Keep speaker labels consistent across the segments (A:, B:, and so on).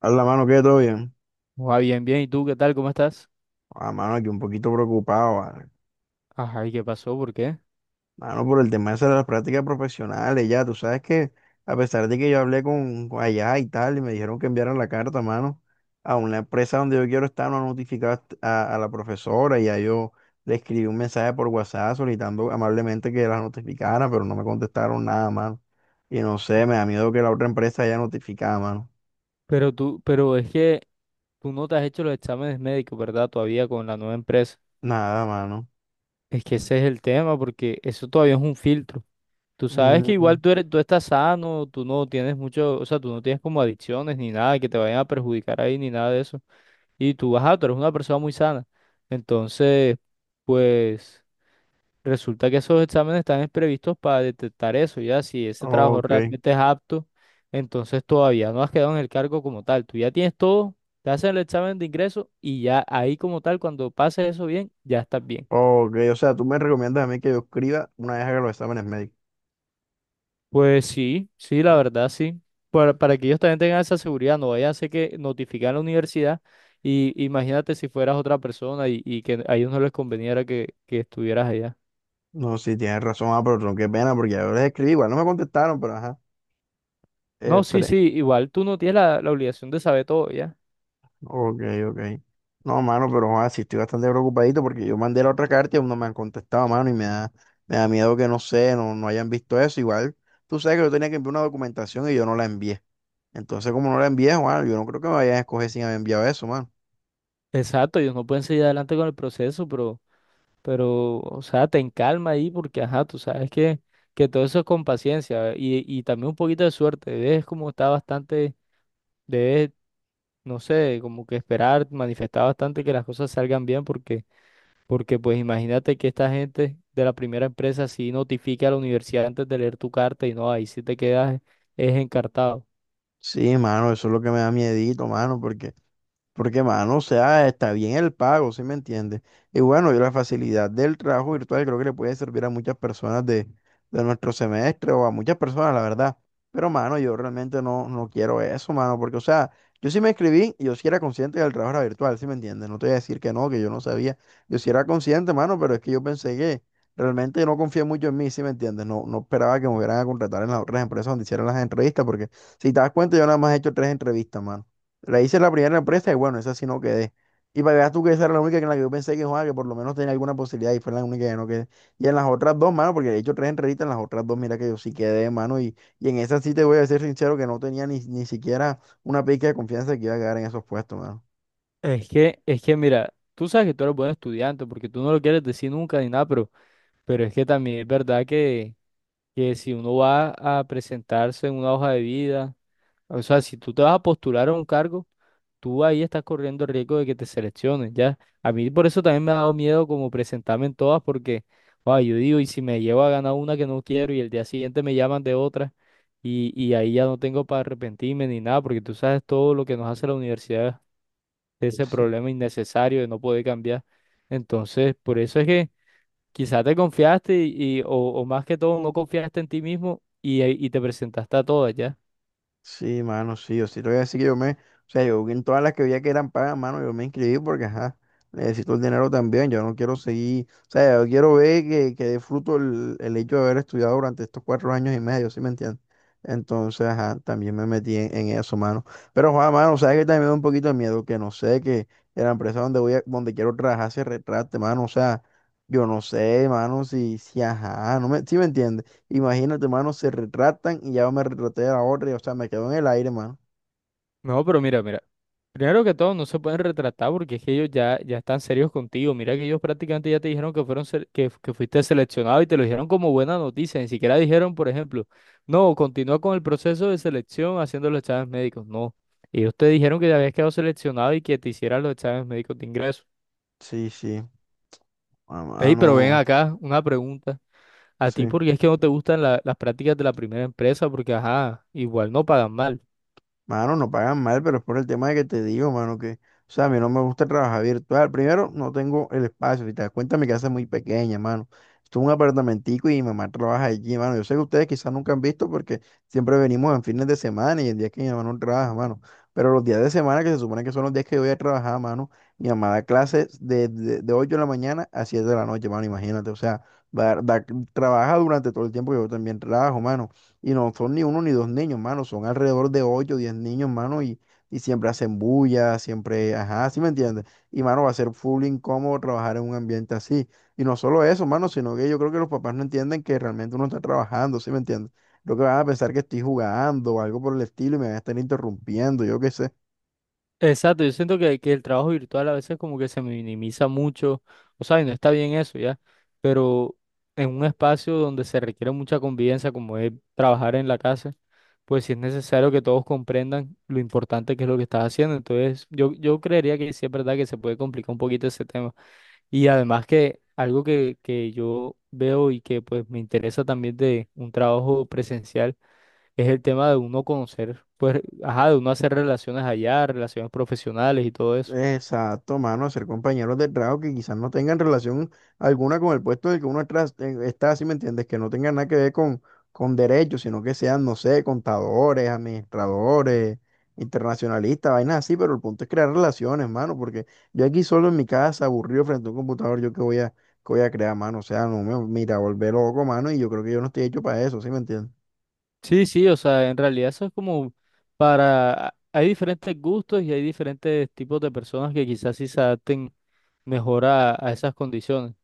A: A la mano, ¿qué? ¿Todo bien?
B: Va bien, bien. ¿Y tú qué tal? ¿Cómo estás?
A: A mano, aquí un poquito preocupado, ¿vale?
B: Ajá, ¿y qué pasó? ¿Por qué?
A: Mano, por el tema ese de las prácticas profesionales, ya. Tú sabes que, a pesar de que yo hablé con allá y tal, y me dijeron que enviaran la carta, mano, a una empresa donde yo quiero estar, no han notificado a la profesora, y ya yo le escribí un mensaje por WhatsApp solicitando amablemente que la notificara, pero no me contestaron nada, mano. Y no sé,
B: Mm.
A: me da miedo que la otra empresa haya notificado, mano.
B: Pero es que tú no te has hecho los exámenes médicos, ¿verdad? Todavía con la nueva empresa.
A: Nada, mano.
B: Es que ese es el tema, porque eso todavía es un filtro. Tú sabes que igual
A: Mm,
B: tú eres, tú estás sano, tú no tienes mucho, o sea, tú no tienes como adicciones ni nada que te vayan a perjudicar ahí ni nada de eso. Y tú, vas tú eres una persona muy sana. Entonces, pues. Resulta que esos exámenes están previstos para detectar eso, ya si ese trabajo
A: ok.
B: realmente es apto, entonces todavía no has quedado en el cargo como tal. Tú ya tienes todo, te hacen el examen de ingreso y ya ahí como tal, cuando pases eso bien, ya estás bien.
A: Ok, o sea, tú me recomiendas a mí que yo escriba una vez haga los exámenes médicos.
B: Pues sí, sí, la
A: Oh.
B: verdad sí. Para que ellos también tengan esa seguridad, no vaya a ser que notifican a la universidad y imagínate si fueras otra persona y, que a ellos no les conveniera que, estuvieras allá.
A: No, sí, tienes razón, ah, pero tronco, qué pena, porque yo les escribí, igual no me contestaron, pero ajá.
B: No, sí,
A: Esperé.
B: sí, igual tú no tienes la, la obligación de saber todo, ¿ya?
A: Ok, ok. No, mano, pero ah, sí estoy bastante preocupadito porque yo mandé la otra carta y aún no me han contestado, mano, me da miedo que no sé, no hayan visto eso. Igual, tú sabes que yo tenía que enviar una documentación y yo no la envié. Entonces, como no la envié, Juan, yo no creo que me vayan a escoger sin haber enviado eso, mano.
B: Exacto, ellos no pueden seguir adelante con el proceso, pero, o sea, ten calma ahí porque, ajá, tú sabes que todo eso es con paciencia y también un poquito de suerte. Debes como estar bastante, debes, no sé, como que esperar, manifestar bastante que las cosas salgan bien porque, porque pues imagínate que esta gente de la primera empresa sí notifica a la universidad antes de leer tu carta y no, ahí sí te quedas, es encartado.
A: Sí, mano, eso es lo que me da miedito, mano, porque porque, mano, o sea, está bien el pago, ¿sí me entiendes? Y bueno, y la facilidad del trabajo virtual creo que le puede servir a muchas personas de nuestro semestre o a muchas personas, la verdad. Pero, mano, yo realmente no quiero eso, mano, porque, o sea, yo sí me inscribí y yo sí era consciente del trabajo era virtual, ¿sí me entiendes? No te voy a decir que no, que yo no sabía. Yo sí era consciente, mano, pero es que yo pensé que realmente no confié mucho en mí, ¿sí me entiendes? No, no esperaba que me hubieran a contratar en las otras empresas donde hicieran las entrevistas, porque si te das cuenta, yo nada más he hecho tres entrevistas, mano. La hice en la primera empresa y bueno, esa sí no quedé. Y para que veas tú que esa era la única en la que yo pensé que, jugaba que por lo menos tenía alguna posibilidad y fue la única que no quedé. Y en las otras dos, mano, porque he hecho tres entrevistas, en las otras dos, mira que yo sí quedé, mano, y en esa sí te voy a ser sincero que no tenía ni siquiera una pizca de confianza de que iba a quedar en esos puestos, mano.
B: Es que mira, tú sabes que tú eres buen estudiante porque tú no lo quieres decir nunca ni nada, pero... Pero es que también es verdad que si uno va a presentarse en una hoja de vida, o sea, si tú te vas a postular a un cargo, tú ahí estás corriendo el riesgo de que te seleccionen, ¿ya? A mí por eso también me ha dado miedo como presentarme en todas, porque, wow, yo digo, y si me llevo a ganar una que no quiero y el día siguiente me llaman de otra, y, ahí ya no tengo para arrepentirme ni nada, porque tú sabes todo lo que nos hace la universidad, ese
A: Sí.
B: problema innecesario de no poder cambiar. Entonces, por eso es que... Quizá te confiaste y, o más que todo no confiaste en ti mismo y te presentaste a todas ya.
A: Sí, mano, sí, yo sí te voy a decir que yo me, o sea, yo en todas las que veía que eran pagas, mano, yo me inscribí porque, ajá, necesito el dinero también, yo no quiero seguir, o sea, yo quiero ver que dé fruto el hecho de haber estudiado durante estos cuatro años y medio, ¿sí me entiendes? Entonces, ajá, también me metí en eso, mano. Pero, Juan, mano, sabes que también me da un poquito de miedo, que no sé, que la empresa donde voy a, donde quiero trabajar se retrate, mano, o sea, yo no sé, mano, si, si, ajá, no me, ¿sí me entiendes? Imagínate, mano, se retratan y ya me retraté a la otra y, o sea, me quedo en el aire, mano.
B: No, pero mira, mira. Primero que todo, no se pueden retratar porque es que ellos ya, ya están serios contigo. Mira que ellos prácticamente ya te dijeron que que, fuiste seleccionado y te lo dijeron como buena noticia. Ni siquiera dijeron, por ejemplo, no, continúa con el proceso de selección haciendo los exámenes médicos. No. Ellos te dijeron que ya habías quedado seleccionado y que te hicieran los exámenes médicos de ingreso.
A: Sí, sí, ah,
B: Ey, pero ven
A: mano,
B: acá, una pregunta. A ti
A: sí.
B: porque es que no te gustan las prácticas de la primera empresa, porque ajá, igual no pagan mal.
A: Mano, no pagan mal, pero es por el tema de que te digo, mano, que, o sea, a mí no me gusta trabajar virtual. Primero, no tengo el espacio. Si te das cuenta, mi casa es muy pequeña, mano. Esto es un apartamentico y mi mamá trabaja allí, mano. Yo sé que ustedes quizás nunca han visto porque siempre venimos en fines de semana y en días que mi mamá no trabaja, mano. Pero los días de semana, que se supone que son los días que yo voy a trabajar, mano, mi mamá da clases de 8 de la mañana a 7 de la noche, mano, imagínate. O sea, va- da- trabaja durante todo el tiempo que yo también trabajo, mano. Y no son ni uno ni dos niños, mano, son alrededor de ocho o diez niños, mano, y siempre hacen bulla, siempre, ajá, ¿sí me entiendes? Y, mano, va a ser full incómodo trabajar en un ambiente así. Y no solo eso, mano, sino que yo creo que los papás no entienden que realmente uno está trabajando, ¿sí me entiendes? Lo que van a pensar que estoy jugando o algo por el estilo y me van a estar interrumpiendo, yo qué sé.
B: Exacto, yo siento que el trabajo virtual a veces como que se minimiza mucho, o sea, y no está bien eso ya, pero en un espacio donde se requiere mucha convivencia, como es trabajar en la casa, pues sí es necesario que todos comprendan lo importante que es lo que estás haciendo. Entonces, yo creería que sí es verdad que se puede complicar un poquito ese tema. Y además que algo que yo veo y que pues me interesa también de un trabajo presencial es el tema de uno conocer, pues, ajá, de uno hacer relaciones allá, relaciones profesionales y todo eso.
A: Exacto, mano, ser compañeros de trabajo que quizás no tengan relación alguna con el puesto del que está, si me entiendes, que no tengan nada que ver con derechos, sino que sean, no sé, contadores, administradores, internacionalistas, vainas así, pero el punto es crear relaciones, mano, porque yo aquí solo en mi casa, aburrido frente a un computador, yo qué voy a crear, mano, o sea, no me, mira, volver loco, mano, y yo creo que yo no estoy hecho para eso, ¿sí me entiendes?
B: Sí, sí, o sea, en realidad eso es como para, hay diferentes gustos y hay diferentes tipos de personas que quizás sí se adapten mejor a, esas condiciones.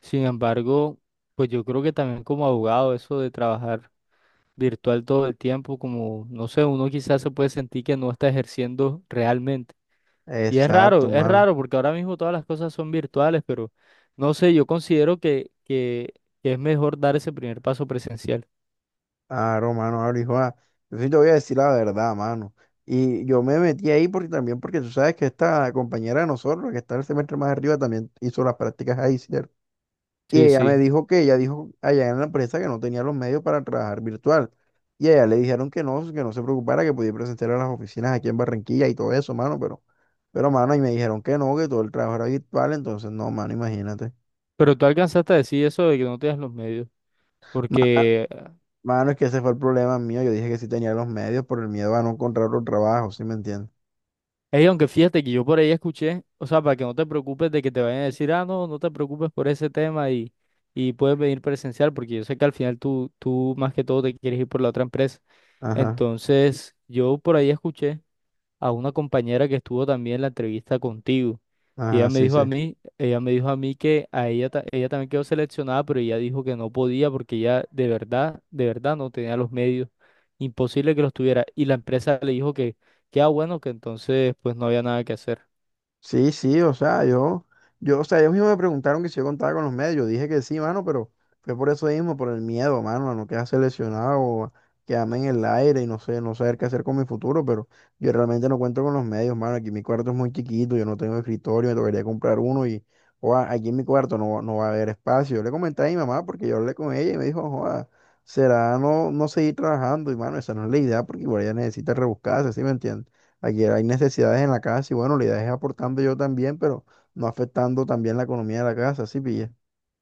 B: Sin embargo, pues yo creo que también como abogado eso de trabajar virtual todo el tiempo, como, no sé, uno quizás se puede sentir que no está ejerciendo realmente. Y
A: Exacto,
B: es
A: mano.
B: raro porque ahora mismo todas las cosas son virtuales, pero no sé, yo considero que es mejor dar ese primer paso presencial.
A: Claro, mano, ahora hijo, ah, yo sí te voy a decir la verdad, mano. Y yo me metí ahí porque también, porque tú sabes que esta compañera de nosotros, que está el semestre más arriba, también hizo las prácticas ahí, ¿cierto? Y
B: Sí,
A: ella me
B: sí.
A: dijo que ella dijo allá en la empresa que no tenía los medios para trabajar virtual. Y a ella le dijeron que no se preocupara, que podía presentar a las oficinas aquí en Barranquilla y todo eso, mano, pero, mano, y me dijeron que no, que todo el trabajo era virtual, entonces no, mano, imagínate.
B: Pero tú alcanzaste a decir eso de que no tienes los medios.
A: Ma-
B: Porque,
A: Mano, es que ese fue el problema mío. Yo dije que sí tenía los medios por el miedo a no encontrar otro trabajo, ¿sí me entiendes?
B: ey, aunque fíjate que yo por ahí escuché, o sea, para que no te preocupes de que te vayan a decir, ah, no, no te preocupes por ese tema y puedes venir presencial, porque yo sé que al final tú, tú más que todo te quieres ir por la otra empresa.
A: Ajá,
B: Entonces, yo por ahí escuché a una compañera que estuvo también en la entrevista contigo. Y ella
A: ajá,
B: me
A: sí,
B: dijo a
A: sí.
B: mí, ella me dijo a mí que a ella, ella también quedó seleccionada, pero ella dijo que no podía porque ella de verdad no tenía los medios. Imposible que los tuviera. Y la empresa le dijo que ah, bueno, que entonces pues no había nada que hacer.
A: Sí, sí, o sea, yo, o sea, ellos mismos me preguntaron que si yo contaba con los medios. Yo dije que sí, mano, pero fue por eso mismo, por el miedo, mano, a no quedar seleccionado, o a quedarme en el aire y no sé, no saber qué hacer con mi futuro, pero yo realmente no cuento con los medios, mano. Aquí mi cuarto es muy chiquito, yo no tengo escritorio, me tocaría comprar uno y, joda, aquí en mi cuarto no, no va a haber espacio. Yo le comenté a mi mamá porque yo hablé con ella y me dijo, joda, será no, no seguir trabajando y, mano, esa no es la idea porque igual ella necesita rebuscarse, ¿sí me entiendes? Aquí hay necesidades en la casa y bueno, la idea es aportando yo también, pero no afectando también la economía de la casa, ¿sí pilla?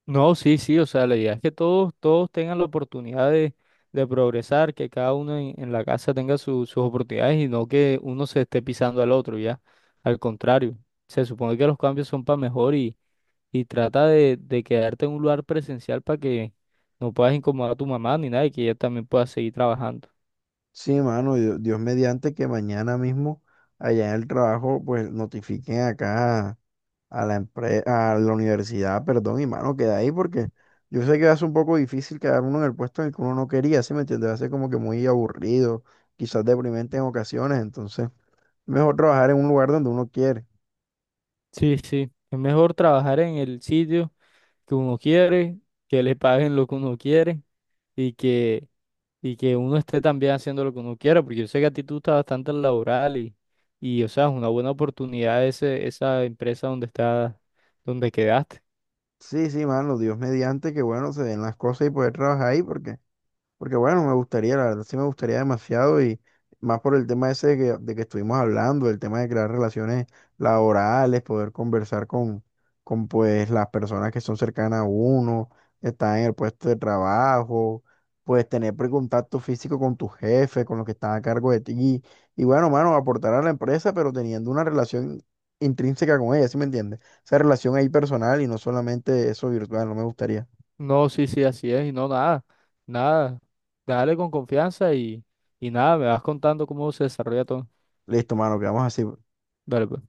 B: No, sí, sí, o sea, la idea es que todos, todos tengan la oportunidad de progresar, que cada uno en la casa tenga sus oportunidades y no que uno se esté pisando al otro, ya. Al contrario, se supone que los cambios son para mejor y trata de quedarte en un lugar presencial para que no puedas incomodar a tu mamá ni nada y que ella también pueda seguir trabajando.
A: Sí, mano, Dios, Dios mediante que mañana mismo allá en el trabajo pues notifiquen acá a la empresa, a la universidad, perdón, y mano, queda ahí porque yo sé que va a ser un poco difícil quedar uno en el puesto en el que uno no quería, ¿sí me entiendes? Va a ser como que muy aburrido, quizás deprimente en ocasiones, entonces mejor trabajar en un lugar donde uno quiere.
B: Sí, sí, es mejor trabajar en el sitio que uno quiere, que le paguen lo que uno quiere y que que uno esté también haciendo lo que uno quiera, porque yo sé que a ti tú estás bastante laboral y o sea, es una buena oportunidad ese, esa empresa donde está, donde quedaste.
A: Sí, sí, mano, Dios mediante que bueno, se den las cosas y poder trabajar ahí porque... Porque bueno, me gustaría, la verdad sí me gustaría demasiado y más por el tema ese de que estuvimos hablando, el tema de crear relaciones laborales, poder conversar con pues las personas que son cercanas a uno, están en el puesto de trabajo, pues tener contacto físico con tu jefe, con los que están a cargo de ti y, bueno, mano, aportar a la empresa, pero teniendo una relación intrínseca con ella, ¿sí me entiendes? Esa relación ahí personal y no solamente eso virtual, no me gustaría.
B: No, sí, sí, así es, y no, nada, nada. Dale con confianza y nada, me vas contando cómo se desarrolla todo.
A: Listo, mano, quedamos así.
B: Dale, pues.